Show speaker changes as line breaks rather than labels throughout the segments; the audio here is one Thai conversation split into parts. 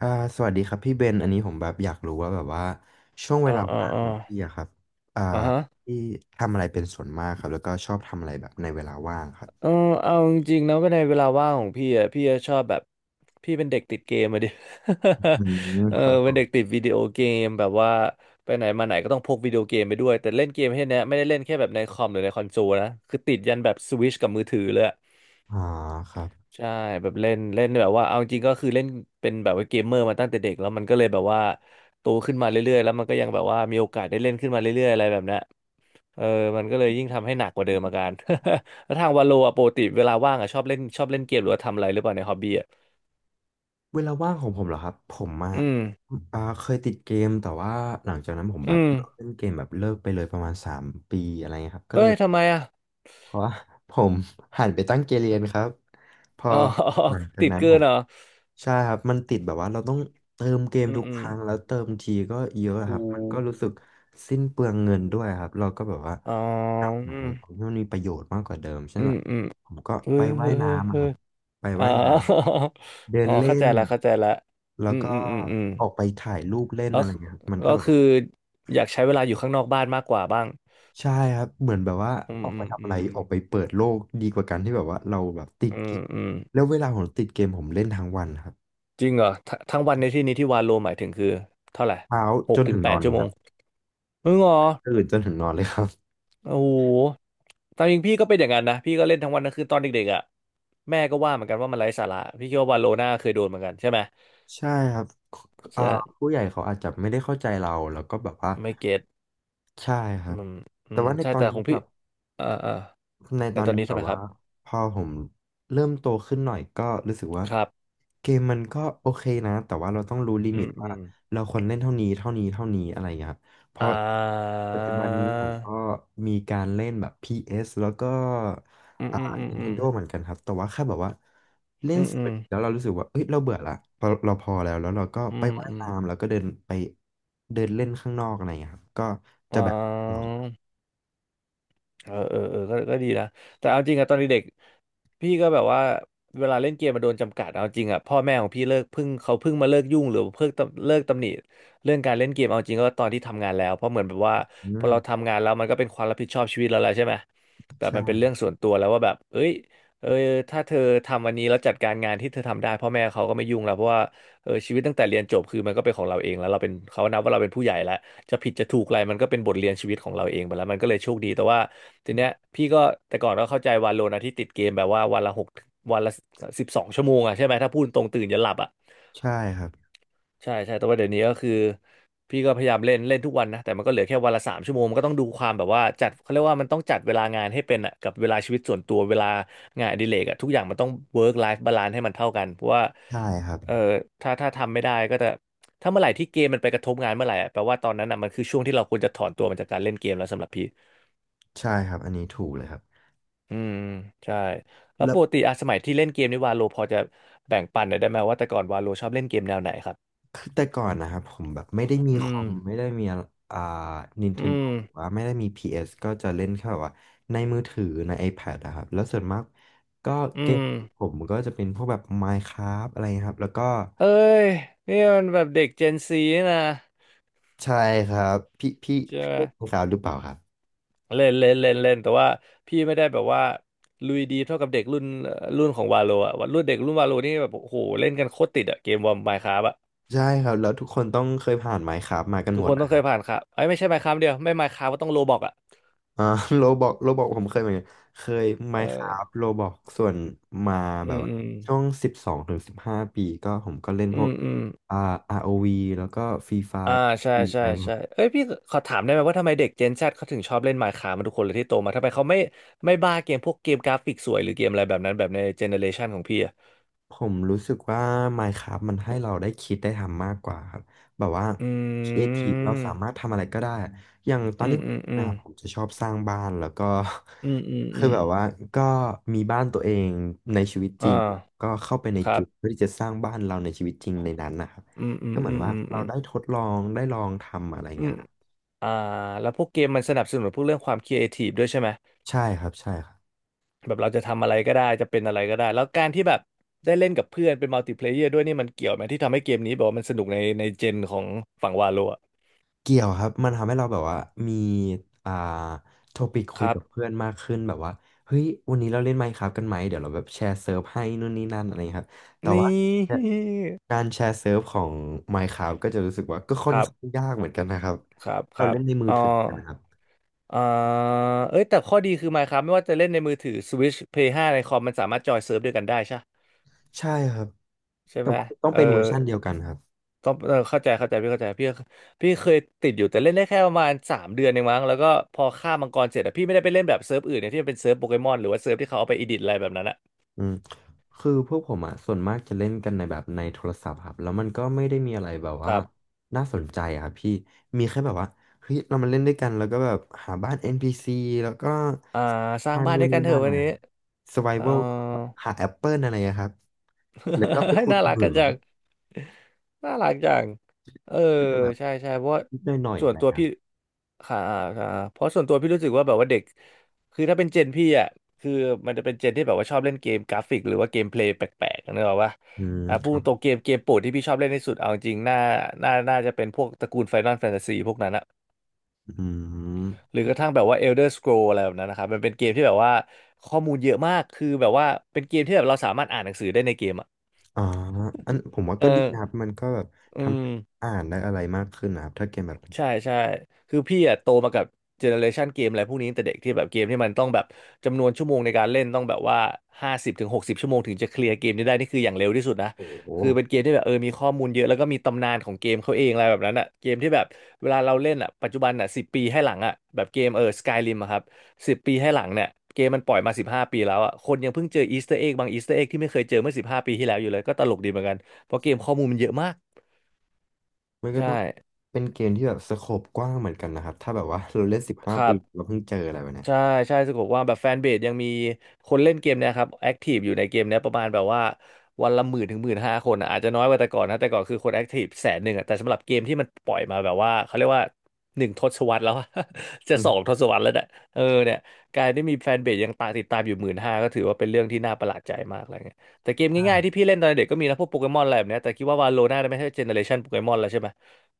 อ่าสวัสดีครับพี่เบนอันนี้ผมแบบอยากรู้ว่าแบบว่าช่วงเว
อ่า
ลา
อ่า
ว่าง
อ่า
ของพี่อะครับอ่า
อ่าฮะ
พี่ทำอะไรเป็นส่วนมากครับแล้วก็ชอบทำอะไรแบบในเวลาว่างครับ
เออเอาจริงๆนะก็ในเวลาว่างของพี่อ่ะพี่จะชอบแบบพี่เป็นเด็กติดเกมอะดิ
อืม
เออ
ครับผ
เป็น
ม
เด็กติดวิดีโอเกมแบบว่าไปไหนมาไหนก็ต้องพกวิดีโอเกมไปด้วยแต่เล่นเกมแค่เนี้ยไม่ได้เล่นแค่แบบในคอมหรือในคอนโซลนะคือติดยันแบบสวิชกับมือถือเลยอะ
อ่าครับ
ใช่แบบเล่นเล่นแบบว่าเอาจริงก็คือเล่นเป็นแบบว่าเกมเมอร์มาตั้งแต่เด็กแล้วมันก็เลยแบบว่าโตขึ้นมาเรื่อยๆแล้วมันก็ยังแบบว่ามีโอกาสได้เล่นขึ้นมาเรื่อยๆอะไรแบบเนี้ย เออมันก็เลยยิ่งทำให้หนักกว่าเดิมอาการ แล้วทางวาโลอะปกติเวลาว่างอะชอบเล่นเกมหรือว่าทำอะไรหรือเปล่าในฮอบบี้อะ
เวลาว่างของผมเหรอครับผมอะ
อืม
เคยติดเกมแต่ว่าหลังจากนั้นผมแบ
อื
บ
ม
เลกเล่นเกมแบบเลิกไปเลยประมาณสามปีอะไรเงี้ยครับก็
เอ้
เลย
ยทำไมอะ
เพราะว่า ผมหันไปตั้งเกมเรียนครับพอ
อ๋อ
หลังจา ก
ติด
นั้น
เกิ
ผ
น
ม
เหรอ
ใช่ครับมันติดแบบว่าเราต้องเติมเกม
อืม
ทุก
อื
ค
ม
รั้งแล้วเติมทีก็เยอะค
หู
รับมันก็รู้สึกสิ้นเปลืองเงินด้วยครับเราก็แบบว่า
อ๋อ
ทำอะ
อื
ไร
ม
ของที่มันมีประโยชน์มากกว่าเดิมเช่
อื
นแบ
ม
บ
อืม
ผมก็
เฮ้
ไป
ยเฮ้
ว่าย
ยเฮ้ย
น้ำอะ
เฮ้
ครั
ย
บไป
อ๋อ
ว่ายน้ำเดิ
อ๋
น
อ
เล่
เข้าใจ
น
ละเข้าใจละ
แล้
อื
ว
ม
ก็
อืมอืมอืม
ออกไปถ่ายรูปเล่น
ก็
อะไร
คือ
เงี้ยครับมันก็
ก็
แบบ
คือ
ว่า
อยากใช้เวลาอยู่ข้างนอกบ้านมากกว่าบ้าง
ใช่ครับเหมือนแบบว่า
อื
อ
ม
อก
อื
ไป
ม
ทำ
อื
อะไร
ม
ออกไปเปิดโลกดีกว่าการที่แบบว่าเราแบบติด
อื
เก
ม
ม
อืม
แล้วเวลาผมติดเกมผมเล่นทั้งวันครับ
จริงเหรอทั้งวันในที่นี้ที่วาโลหมายถึงคือเท่าไหร่
เช้า
ห
จ
ก
น
ถึ
ถึ
ง
ง
แป
นอ
ด
นเล
ชั่ว
ย
โม
ครั
ง
บ
มึงเหรอ
ตื่นจนถึงนอนเลยครับ
โอ้โหตามจริงพี่ก็เป็นอย่างนั้นนะพี่ก็เล่นทั้งวันทั้งคืนตอนเด็กๆอ่ะแม่ก็ว่าเหมือนกันว่ามันไร้สาระพี่คิดว่าวาโลน่าเคยโดนเหมือนกันใช่ไหม
ใช่ครับอ่า
ใช่
ผู้ใหญ่เขาอาจจะไม่ได้เข้าใจเราแล้วก็แบบว่า
ไม่เก็ต
ใช่ค
อื
รับ
มอื
แต่
ม
ว่า
ใช่แต่ของพี่อ่าอ่า
ใน
ใน
ตอน
ตอน
นี้
นี้
แบ
ใช่ไห
บ
มค
ว่า
รับ
พอผมเริ่มโตขึ้นหน่อยก็รู้สึกว่า
ครับ
เกมมันก็โอเคนะแต่ว่าเราต้องรู้ลิ
อื
มิต
มอื
ว่า
ม
เราควรเล่นเท่านี้เท่านี้เท่านี้อะไรอย่างเงี้ยครับเพ
อ่า
ราะปัจจุบันนี้ผมก็มีการเล่นแบบ p สแล้วก็
อืม
อ่า
อืมอืมอืม
Nintendo เหมือนกันครับแต่ว่าแค่แบบว่าเล่
อื
น
ม
สิบ
อื
นา
ม
ทีแล้วเรารู้สึกว่าเอ้ยเราเบื่อละพอเราพอแล้วแล้วเราก็
อื
ไป
ม
ว่าย
อืม
น้ำแล้วก็เดินไปเดินเล่นข้างนอกอะไรอย่างเงี้ยครับก็
อ่
จะแบบตลอด
า เออเออเออก็ก็ดีนะแต่เอาจริงอะตอนเด็กๆพี่ก็แบบว่าเวลาเล่นเกมมาโดนจำกัดเอาจริงอะพ่อแม่ของพี่เขาเพิ่งมาเลิกยุ่งหรือเลิกตำหนิเรื่องการเล่นเกมเอาจริงก็ตอนที่ทำงานแล้วเพราะเหมือนแบบว่า
อื
พอเรา
ม
ทำงานแล้วมันก็เป็นความรับผิดชอบชีวิตเราแล้วใช่ไหมแบบมันเป็น
ใช่
เรื่องส่วนตัวแล้วว่าแบบเอ้ยเออถ้าเธอทำวันนี้แล้วจัดการงานที่เธอทำได้พ่อแม่เขาก็ไม่ยุ่งแล้วเพราะว่าเออชีวิตตั้งแต่เรียนจบคือมันก็เป็นของเราเองแล้วเราเป็นเขานับว่าเราเป็นผู้ใหญ่แล้วจะผิดจะถูกอะไรมันก็เป็นบทเรียนชีวิตของเราเองไปแล้วมันก็เลยโชคดีแต่ว่า ทีเนี้ยพี่ก็แต่ก่อนก็เข้าใจวาโลนะที่ติดเกมแบบว่าวันละ12 ชั่วโมงอ่ะใช่ไหมถ้าพูดตรงตื่นยันหลับอ่ะ
ใช่ครับ
ใช่ใช่แต่ว่าเดี๋ยวนี้ก็คือพี่ก็พยายามเล่นเล่นทุกวันนะแต่มันก็เหลือแค่วันละ3 ชั่วโมงมันก็ต้องดูความแบบว่าจัดเขาเรียกว่ามันต้องจัดเวลางานให้เป็นอ่ะกับเวลาชีวิตส่วนตัวเวลางานอดิเรกอ่ะทุกอย่างมันต้อง work life balance ให้มันเท่ากันเพราะว่า
ใช่ครับ
เออถ้าทำไม่ได้ก็จะถ้าเมื่อไหร่ที่เกมมันไปกระทบงานเมื่อไหร่อะแปลว่าตอนนั้นอ่ะมันคือช่วงที่เราควรจะถอนตัวมาจากการเล่นเกมแล้วสำหรับพี่
ใช่ครับอันนี้ถูกเลยครับ
อืมใช่แล้ว
แล้
ป
ว
กติอ่ะสมัยที่เล่นเกมนี่วาโลพอจะแบ่งปันหน่อยได้ไหมว่าแต่ก่อนวาโลชอบเล่นเกมแนวไหนครับ
คือแต่ก่อนนะครับผมแบบไม่ได้มี
อื
คอ
ม
มไม่ได้มีอ่า
อื
Nintendo
ม
หรือว่าไม่ได้มี PS ก็จะเล่นแค่แบบว่าในมือถือใน iPad นะครับแล้วส่วนมากก็เก
อื
ม
ม
ผมก็จะเป็นพวกแบบ Minecraft อะไรครับแล้วก็
เอ้ยนี่มันแบบเด็กเจนซีนะ
ใช่ครับพี่พี่
ใช่
พี่
ไหม
เล่น Minecraft หรือเปล่าครับ
เล่นเล่นเล่นเล่นแต่ว่าพี่ไม่ได้แบบว่าลุยดีเท่ากับเด็กรุ่นรุ่นของวาโลอ่ะรุ่นเด็กรุ่นวาโลนี่แบบโอ้โหเล่นกันโคตรติดอ่ะเกมวอร์มายคราฟอ่ะ
ใช่ครับแล้วทุกคนต้องเคยผ่าน Minecraft มากัน
ทุ
ห
ก
ม
ค
ด
นต้
อะ
อง
ค
เค
รับ
ยผ่านครับไอ้ยไม่ใช่มายคราฟเดียวไม่มายคราฟก็ต้องโลบอกอ่ะ
อ่า โรบอกโรบอกผมเคยเหมือนกันเคยไม
เอ
น์ครา
อ
ฟโรบอกส่วนมา
อื
แบบ
ม
ว่า
อืม
ช่วงสิบสองถึงสิบห้าปีก็ผมก็เล่น
อื
พวก
มอืม
อ่า ROV แล้วก็ฟรีไฟ
อ่า
ร์
ใช่ใช่
อะไร
ใช่เอ้ยพี่ขอถามได้ไหมว่าทำไมเด็ก Gen Z เขาถึงชอบเล่น Minecraft มาทุกคนเลยที่โตมาทำไมเขาไม่บ้าเกมพวกเกมกราฟิกสวยหรือเกมอะไรแบบนั้นแบบในเจเนอเรชันของพี่อ่ะ
ผมรู้สึกว่า Minecraft มันให้เราได้คิดได้ทำมากกว่าครับแบบว่า
อ
ครี
ื
เอทีฟเราสา
ม
มารถทำอะไรก็ได้อย่างตอ
อื
นนี้
มอืมอื
นะ
ม
ครับผมจะชอบสร้างบ้านแล้วก็
อืมอืม อื
คือ
ม
แบบว่าก็มีบ้านตัวเองในชีวิตจริ
อ่า
งก็เข้าไปใน
ค
เก
รับ
มเพื่อที่จะสร้างบ้านเราในชีวิตจริงในนั้นนะครับ
อืมอื
ก็
ม
เหมือ
อื
น
ม
ว่า
อืม
เรา
อืม
ได้ทดลองได้ลองทำอะไร
อื
เงี้
ม
ยครับ
อ่าแล้วพวกเกมมันสนับสนุนพวกเรื่องความครีเอทีฟด้วยใช่ไหม
ใช่ครับใช่ครับ
แบบเราจะทำอะไรก็ได้จะเป็นอะไรก็ได้แล้วการที่แบบได้เล่นกับเพื่อนเป็นมัลติเพลเยอร์ด้วยนี่มันเกี่ยวไหมที่ทำให้เกมนี้แบบว่ามันสนุกในในเจนของฝั่งวาโลอะ
เกี่ยวครับมันทำให้เราแบบว่ามีอ่าโทปิก
ค
คุย
รั
กับ
บ
เพื่อนมากขึ้นแบบว่าเฮ้ยวันนี้เราเล่น Minecraft กันไหมเดี๋ยวเราแบบแชร์เซิร์ฟให้นู่นนี่นั่นอะไรอย่างเงี้ยครับแต่
นี
ว่า
่
การแชร์เซิร์ฟของ Minecraft ก็จะรู้สึกว่าก็ค่
ค
อน
รับ
ข้างยากเหมือนกันนะครับ
ครับค
เรา
รับ
เล่นในมือ
อ๋อ
ถือกันนะครับ
อ่าเอ้ยแต่ข้อดีคือ Minecraft ไม่ว่าจะเล่นในมือถือ Switch Play 5ในคอมมันสามารถจอยเซิร์ฟด้วยกันได้ใช่
ใช่ครับ
ใช่
แต่
ไหม
ว่าต้อง
เออ
เป็นเวอร์ชันเดียวกันครับ
ต้องเออเข้าใจเข้าใจพี่เข้าใจพี่พี่เคยติดอยู่แต่เล่นได้แค่ประมาณสามเดือนเองมั้งแล้วก็พอฆ่ามังกรเสร็จอะพี่ไม่ได้ไปเล่นแบบเซิร์ฟอื่นเนี่ยที่มันเป็นเซิร์ฟโปเกมอนหรือว่าเซิร์ฟที่เขาเอาไปอีดิทอะไรแบบนั้นอะ
อืมคือพวกผมอ่ะส่วนมากจะเล่นกันในแบบในโทรศัพท์ครับแล้วมันก็ไม่ได้มีอะไรแบบ
ค
ว่า
รับ
น่าสนใจอะครับพี่มีแค่แบบว่าเฮ้ยเรามาเล่นด้วยกันแล้วก็แบบหาบ้าน NPC แล้วก็
อ่าสร้าง
มา
บ้าน
นู่
ด้
น
วยกั
นี่
นเถ
นั่
อะ
นห
วั
น่อ
น
ย
นี้
ครับ
เออ
Survival ก็หาแอปเปิลอะไรอะครับแล้วก็ไป
ให้
ขุด
น่ารัก
เหมื
กัน
อ
จั
ง
งน่ารักจังเออ
ก็จะแบบ
ใช่ใช่เพราะว่า
นิดหน่อยๆ
ส่ว
อะ
น
ไร
ตัว
ครับ
พี่ค่ะค่ะเพราะส่วนตัวพี่รู้สึกว่าแบบว่าเด็กคือถ้าเป็นเจนพี่อ่ะคือมันจะเป็นเจนที่แบบว่าชอบเล่นเกมกราฟิกหรือว่าเกมเพลย์แปลกๆนึกออกปะ
อืม
อ่ะ
ค
พูด
รั
ตรง
บ
เกมโปรดที่พี่ชอบเล่นที่สุดเอาจริงๆน่าจะเป็นพวกตระกูล Final Fantasy พวกนั้นอะ
อื
ห
ม
รือกระทั่งแบบว่า Elder Scroll อะไรแบบนั้นนะครับมันเป็นเกมที่แบบว่าข้อมูลเยอะมากคือแบบว่าเป็นเกมที่แบบเราสามารถอ่านหนังสือได้ในเกมอะ
อ่าอันผมว่า
เออ
ก็ดีนะครับมันก็แบบ
อื
ทำ
ม
ให้อ่านได้อะไรมากขึ้นนะครับถ้าเกมแบบ
ใช่ใช่คือพี่อะโตมากับเจเนอเรชันเกมอะไรพวกนี้ตั้งแต่เด็กที่แบบเกมที่มันต้องแบบจำนวนชั่วโมงในการเล่นต้องแบบว่าห้าสิบถึงหกสิบชั่วโมงถึงจะเคลียร์เกมนี้ได้นี่คืออย่างเร็วที่สุดนะ
โอ้โห
คือเป็นเกมที่แบบเออมีข้อมูลเยอะแล้วก็มีตำนานของเกมเขาเองอะไรแบบนั้นอะเกมที่แบบเวลาเราเล่นอะปัจจุบันอะสิบปีให้หลังอะแบบเกมเออสกายริมครับสิบปีให้หลังเนี่ยเกมมันปล่อยมาสิบห้าปีแล้วอะคนยังเพิ่งเจออีสเตอร์เอ็กบางอีสเตอร์เอ็กที่ไม่เคยเจอเมื่อสิบห้าปีที่แล้วอยู่เลยก็ตลกดีเหมือนกันเพราะเกมข้อมูลมันเยอะมาก
มันก็ต้
ใช่
องเป็นเกมที่แบบสโคปกว้างเหมือนกันนะครับถ้าแบบว่า เราเล่นสิบห้า
ครั
ปี
บ
เราเพิ่งเจออะไรแบบเนี้ย
ใช่ใช่สะกบว่าแบบแฟนเบสยังมีคนเล่นเกมเนยครับแอคทีฟอยู่ในเกมเนี้ยประมาณแบบว่าวันละหมื่นถึงหมื่นห้าคนอะอาจจะน้อยกว่าแต่ก่อนนะแต่ก่อนคือคนแอคทีฟแสนหนึ่งอะแต่สำหรับเกมที่มันปล่อยมาแบบว่าเขาเรียกว่าหนึ่งทศวรรษแล้วอะ จะ
อื
สอง
ม
ทศวรรษแล้วเนี่ยเออเนี่ยการที่มีแฟนเบสยังตามติดตามอยู่หมื่นห้าก็ถือว่าเป็นเรื่องที่น่าประหลาดใจมากอะไรเงี้ยแต่เกม
ใช่
ง่ายๆที่พี่เล่นตอนเด็กก็มีนะพวกโปเกมอนอะไรแบบเนี้ยแต่คิดว่าวาโลน่าจะไม่ใช่เจเนอเรชันโปเกมอนแล้วใช่ไหม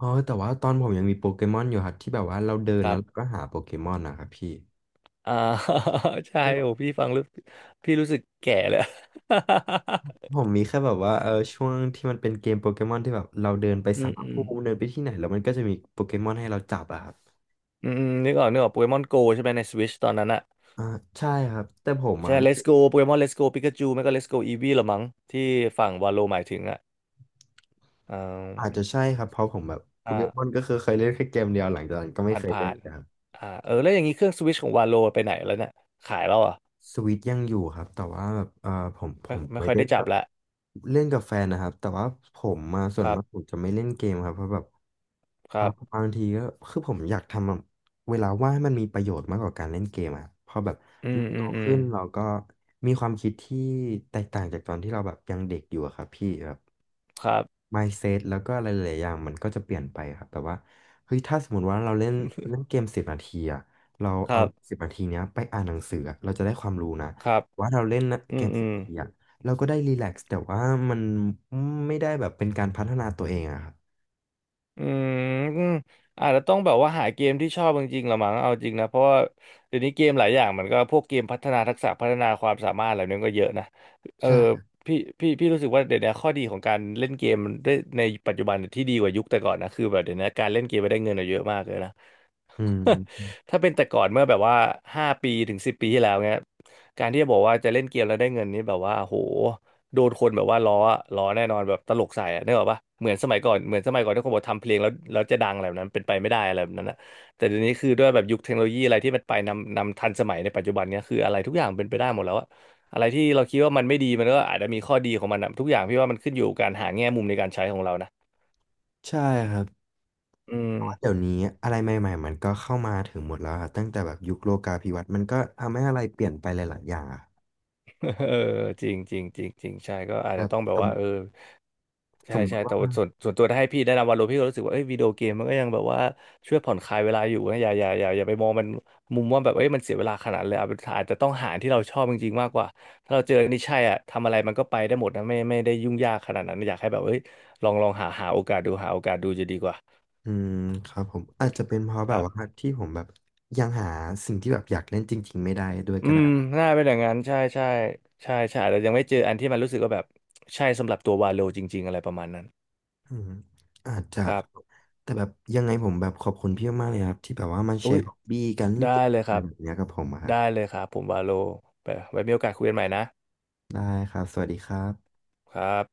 อ๋อแต่ว่าตอนผมยังมีโปเกมอนอยู่ครับที่แบบว่าเราเดิน
ครั
แล้วเรา
บ
ก็หาโปเกมอนนะครับพี่
อ่า ใช่
ที่แบบ
โอ้พี่ฟังแล้วพี่รู้สึกแก่เลย
ผ มมีแค่แบบว่าเออช่วงที่มันเป็นเกมโปเกมอนที่แบบเราเดินไป
อื
สัม
ม
ภ
อืม
ภูมิเดินไปที่ไหนแล้วมันก็จะมีโปเกมอนให้เราจับอะครับ
อืมอืมนึกออกนึกออกโปเกมอนโกใช่ไหมในสวิชตอนนั้นอะ
อ่าใช่ครับแต่ผมอ่ะ
ใช่ Let's Go โปเกมอน Let's Go ปิกาจูไม่ก็ Let's Go Eevee ละมั้งที่ฝั่งวาโลหมายถึงอะอ่
อาจ
า
จะใช่ครับเพราะผมแบบโปเกมอน
อ่า
ก็คือเคยเล่นแค่เกมเดียวหลังจากนั้นก็ไม่
ผ่าน
เคย
ผ่า
เล่น
น
แล้ว
อ่าเออแล้วอย่างนี้เครื่องสวิชของวาโลไปไหนแล้วเนี่ยขายแล้วเหรอ่ะ
สวิตยังอยู่ครับแต่ว่าแบบผมผ
ไม่
ม
ไม่
ไว้
ค่อย
เล่
ได้
น
จั
กั
บ
บ
ละ
เล่นกับแฟนนะครับแต่ว่าผมมาส่
ค
วน
รับ
มากผมจะไม่เล่นเกมครับเพราะแบบ
ค
อ่า
รับ
บางทีก็คือผมอยากทำอะเวลาว่างให้มันมีประโยชน์มากกว่าการเล่นเกมอะเพราะแบบ
อืม
เราโต
อืมอืม
ขึ้นเราก็มีความคิดที่แตกต่างจากตอนที่เราแบบยังเด็กอยู่อะครับพี่แบบ
ครับ
mindset แล้วก็อะไรหลายๆอย่างมันก็จะเปลี่ยนไปครับแต่ว่าเฮ้ยถ้าสมมติว่าเราเล่นเล่นเกมสิบนาทีอะ เรา
ค
เอา
รับ
สิบนาทีเนี้ยไปอ่านหนังสืออะเราจะได้ความรู้นะ
ครับ
ว่าเราเล่น
อื
เก
ม
ม
อื
สิบ
ม
นาทีอะเราก็ได้รีแลกซ์แต่ว่ามันไม่ได้แบบเป็นการพัฒนาตัวเองอะครับ
อืมอาจจะต้องแบบว่าหาเกมที่ชอบจริงๆละมั้งเอาจริงนะเพราะว่าเดี๋ยวนี้เกมหลายอย่างมันก็พวกเกมพัฒนาทักษะพัฒนาความสามารถอะไรนั้นก็เยอะนะเออ
ใช่
พี่รู้สึกว่าเดี๋ยวนี้ข้อดีของการเล่นเกมได้ในปัจจุบันที่ดีกว่ายุคแต่ก่อนนะคือแบบเดี๋ยวนี้การเล่นเกมไปได้เงินอะเยอะมากเลยนะ
อืม
ถ้าเป็นแต่ก่อนเมื่อแบบว่าห้าปีถึงสิบปีที่แล้วเงี้ยการที่จะบอกว่าจะเล่นเกมแล้วได้เงินนี่แบบว่าโหโดนคนแบบว่าล้อแน่นอนแบบตลกใส่อะนึกออกปะเหมือนสมัยก่อนที่คนบอกทำเพลงแล้วจะดังอะไรแบบนั้นเป็นไปไม่ได้อะไรแบบนั้นนะแต่เดี๋ยวนี้คือด้วยแบบยุคเทคโนโลยีอะไรที่มันไปนำทันสมัยในปัจจุบันเนี้ยคืออะไรทุกอย่างเป็นไปได้หมดแล้วอะอะไรที่เราคิดว่ามันไม่ดีมันก็อาจจะมีข้อดีของมันอะทุกอย่างพี่ว่ามันขึ้นอยู่กับการหาแง่มุมในการใช้ของเรานะ
ใช่ครับ
อืม
เพราะเดี๋ยวนี้อะไรใหม่ๆมันก็เข้ามาถึงหมดแล้วครับตั้งแต่แบบยุคโลกาภิวัตน์มันก็ทำให้อะไรเปลี่ยนไปหลายๆอย่างอะ
เออจริงจริงจริงจริงใช่ก็อาจ
ั
จะ
บบ
ต้องแบ
ส
บ
ม
ว่าเออ
ส
ใช่
มม
ใช่
ติ
แต่
ว่า
ว่าส่วนตัวถ้าให้พี่แนะนำวาโลพี่ก็รู้สึกว่าเอ้ยวิดีโอเกมมันก็ยังแบบว่าช่วยผ่อนคลายเวลาอยู่นะอย่าไปมองมันมุมว่าแบบเอ้ยมันเสียเวลาขนาดนั้นเลยเอาเป็นอาจจะต้องหาที่เราชอบจริงๆมากกว่าถ้าเราเจออันนี่ใช่อ่ะทำอะไรมันก็ไปได้หมดนะไม่ได้ยุ่งยากขนาดนั้นอยากให้แบบเอ้ยลองหาโอกาสดูหาโอกาสดูจะดีกว่า
อืมครับผมอาจจะเป็นเพราะ
ค
แบบ
รั
ว่า
บ
ที่ผมแบบยังหาสิ่งที่แบบอยากเล่นจริงๆไม่ได้ด้วย
อื
ก็ได้
มน่าเป็นอย่างนั้นใช่ใช่ใช่ใช่อาจจะยังไม่เจออันที่มันรู้สึกว่าแบบใช่สำหรับตัววาโลจริงๆอะไรประมาณนั้น
อืมอาจจะ
ครั
ค
บ
รับแต่แบบยังไงผมแบบขอบคุณพี่มากๆเลยครับที่แบบว่ามาแช
อุ้ย
ร์ฮอบบี้การเล่น
ได้
เกม
เลยค
อะไร
รับ
แบบเนี้ยกับผมอะครับ
ได้เลยครับผมวาโลไปไว้มีโอกาสคุยกันใหม่นะ
ได้ครับสวัสดีครับ
ครับ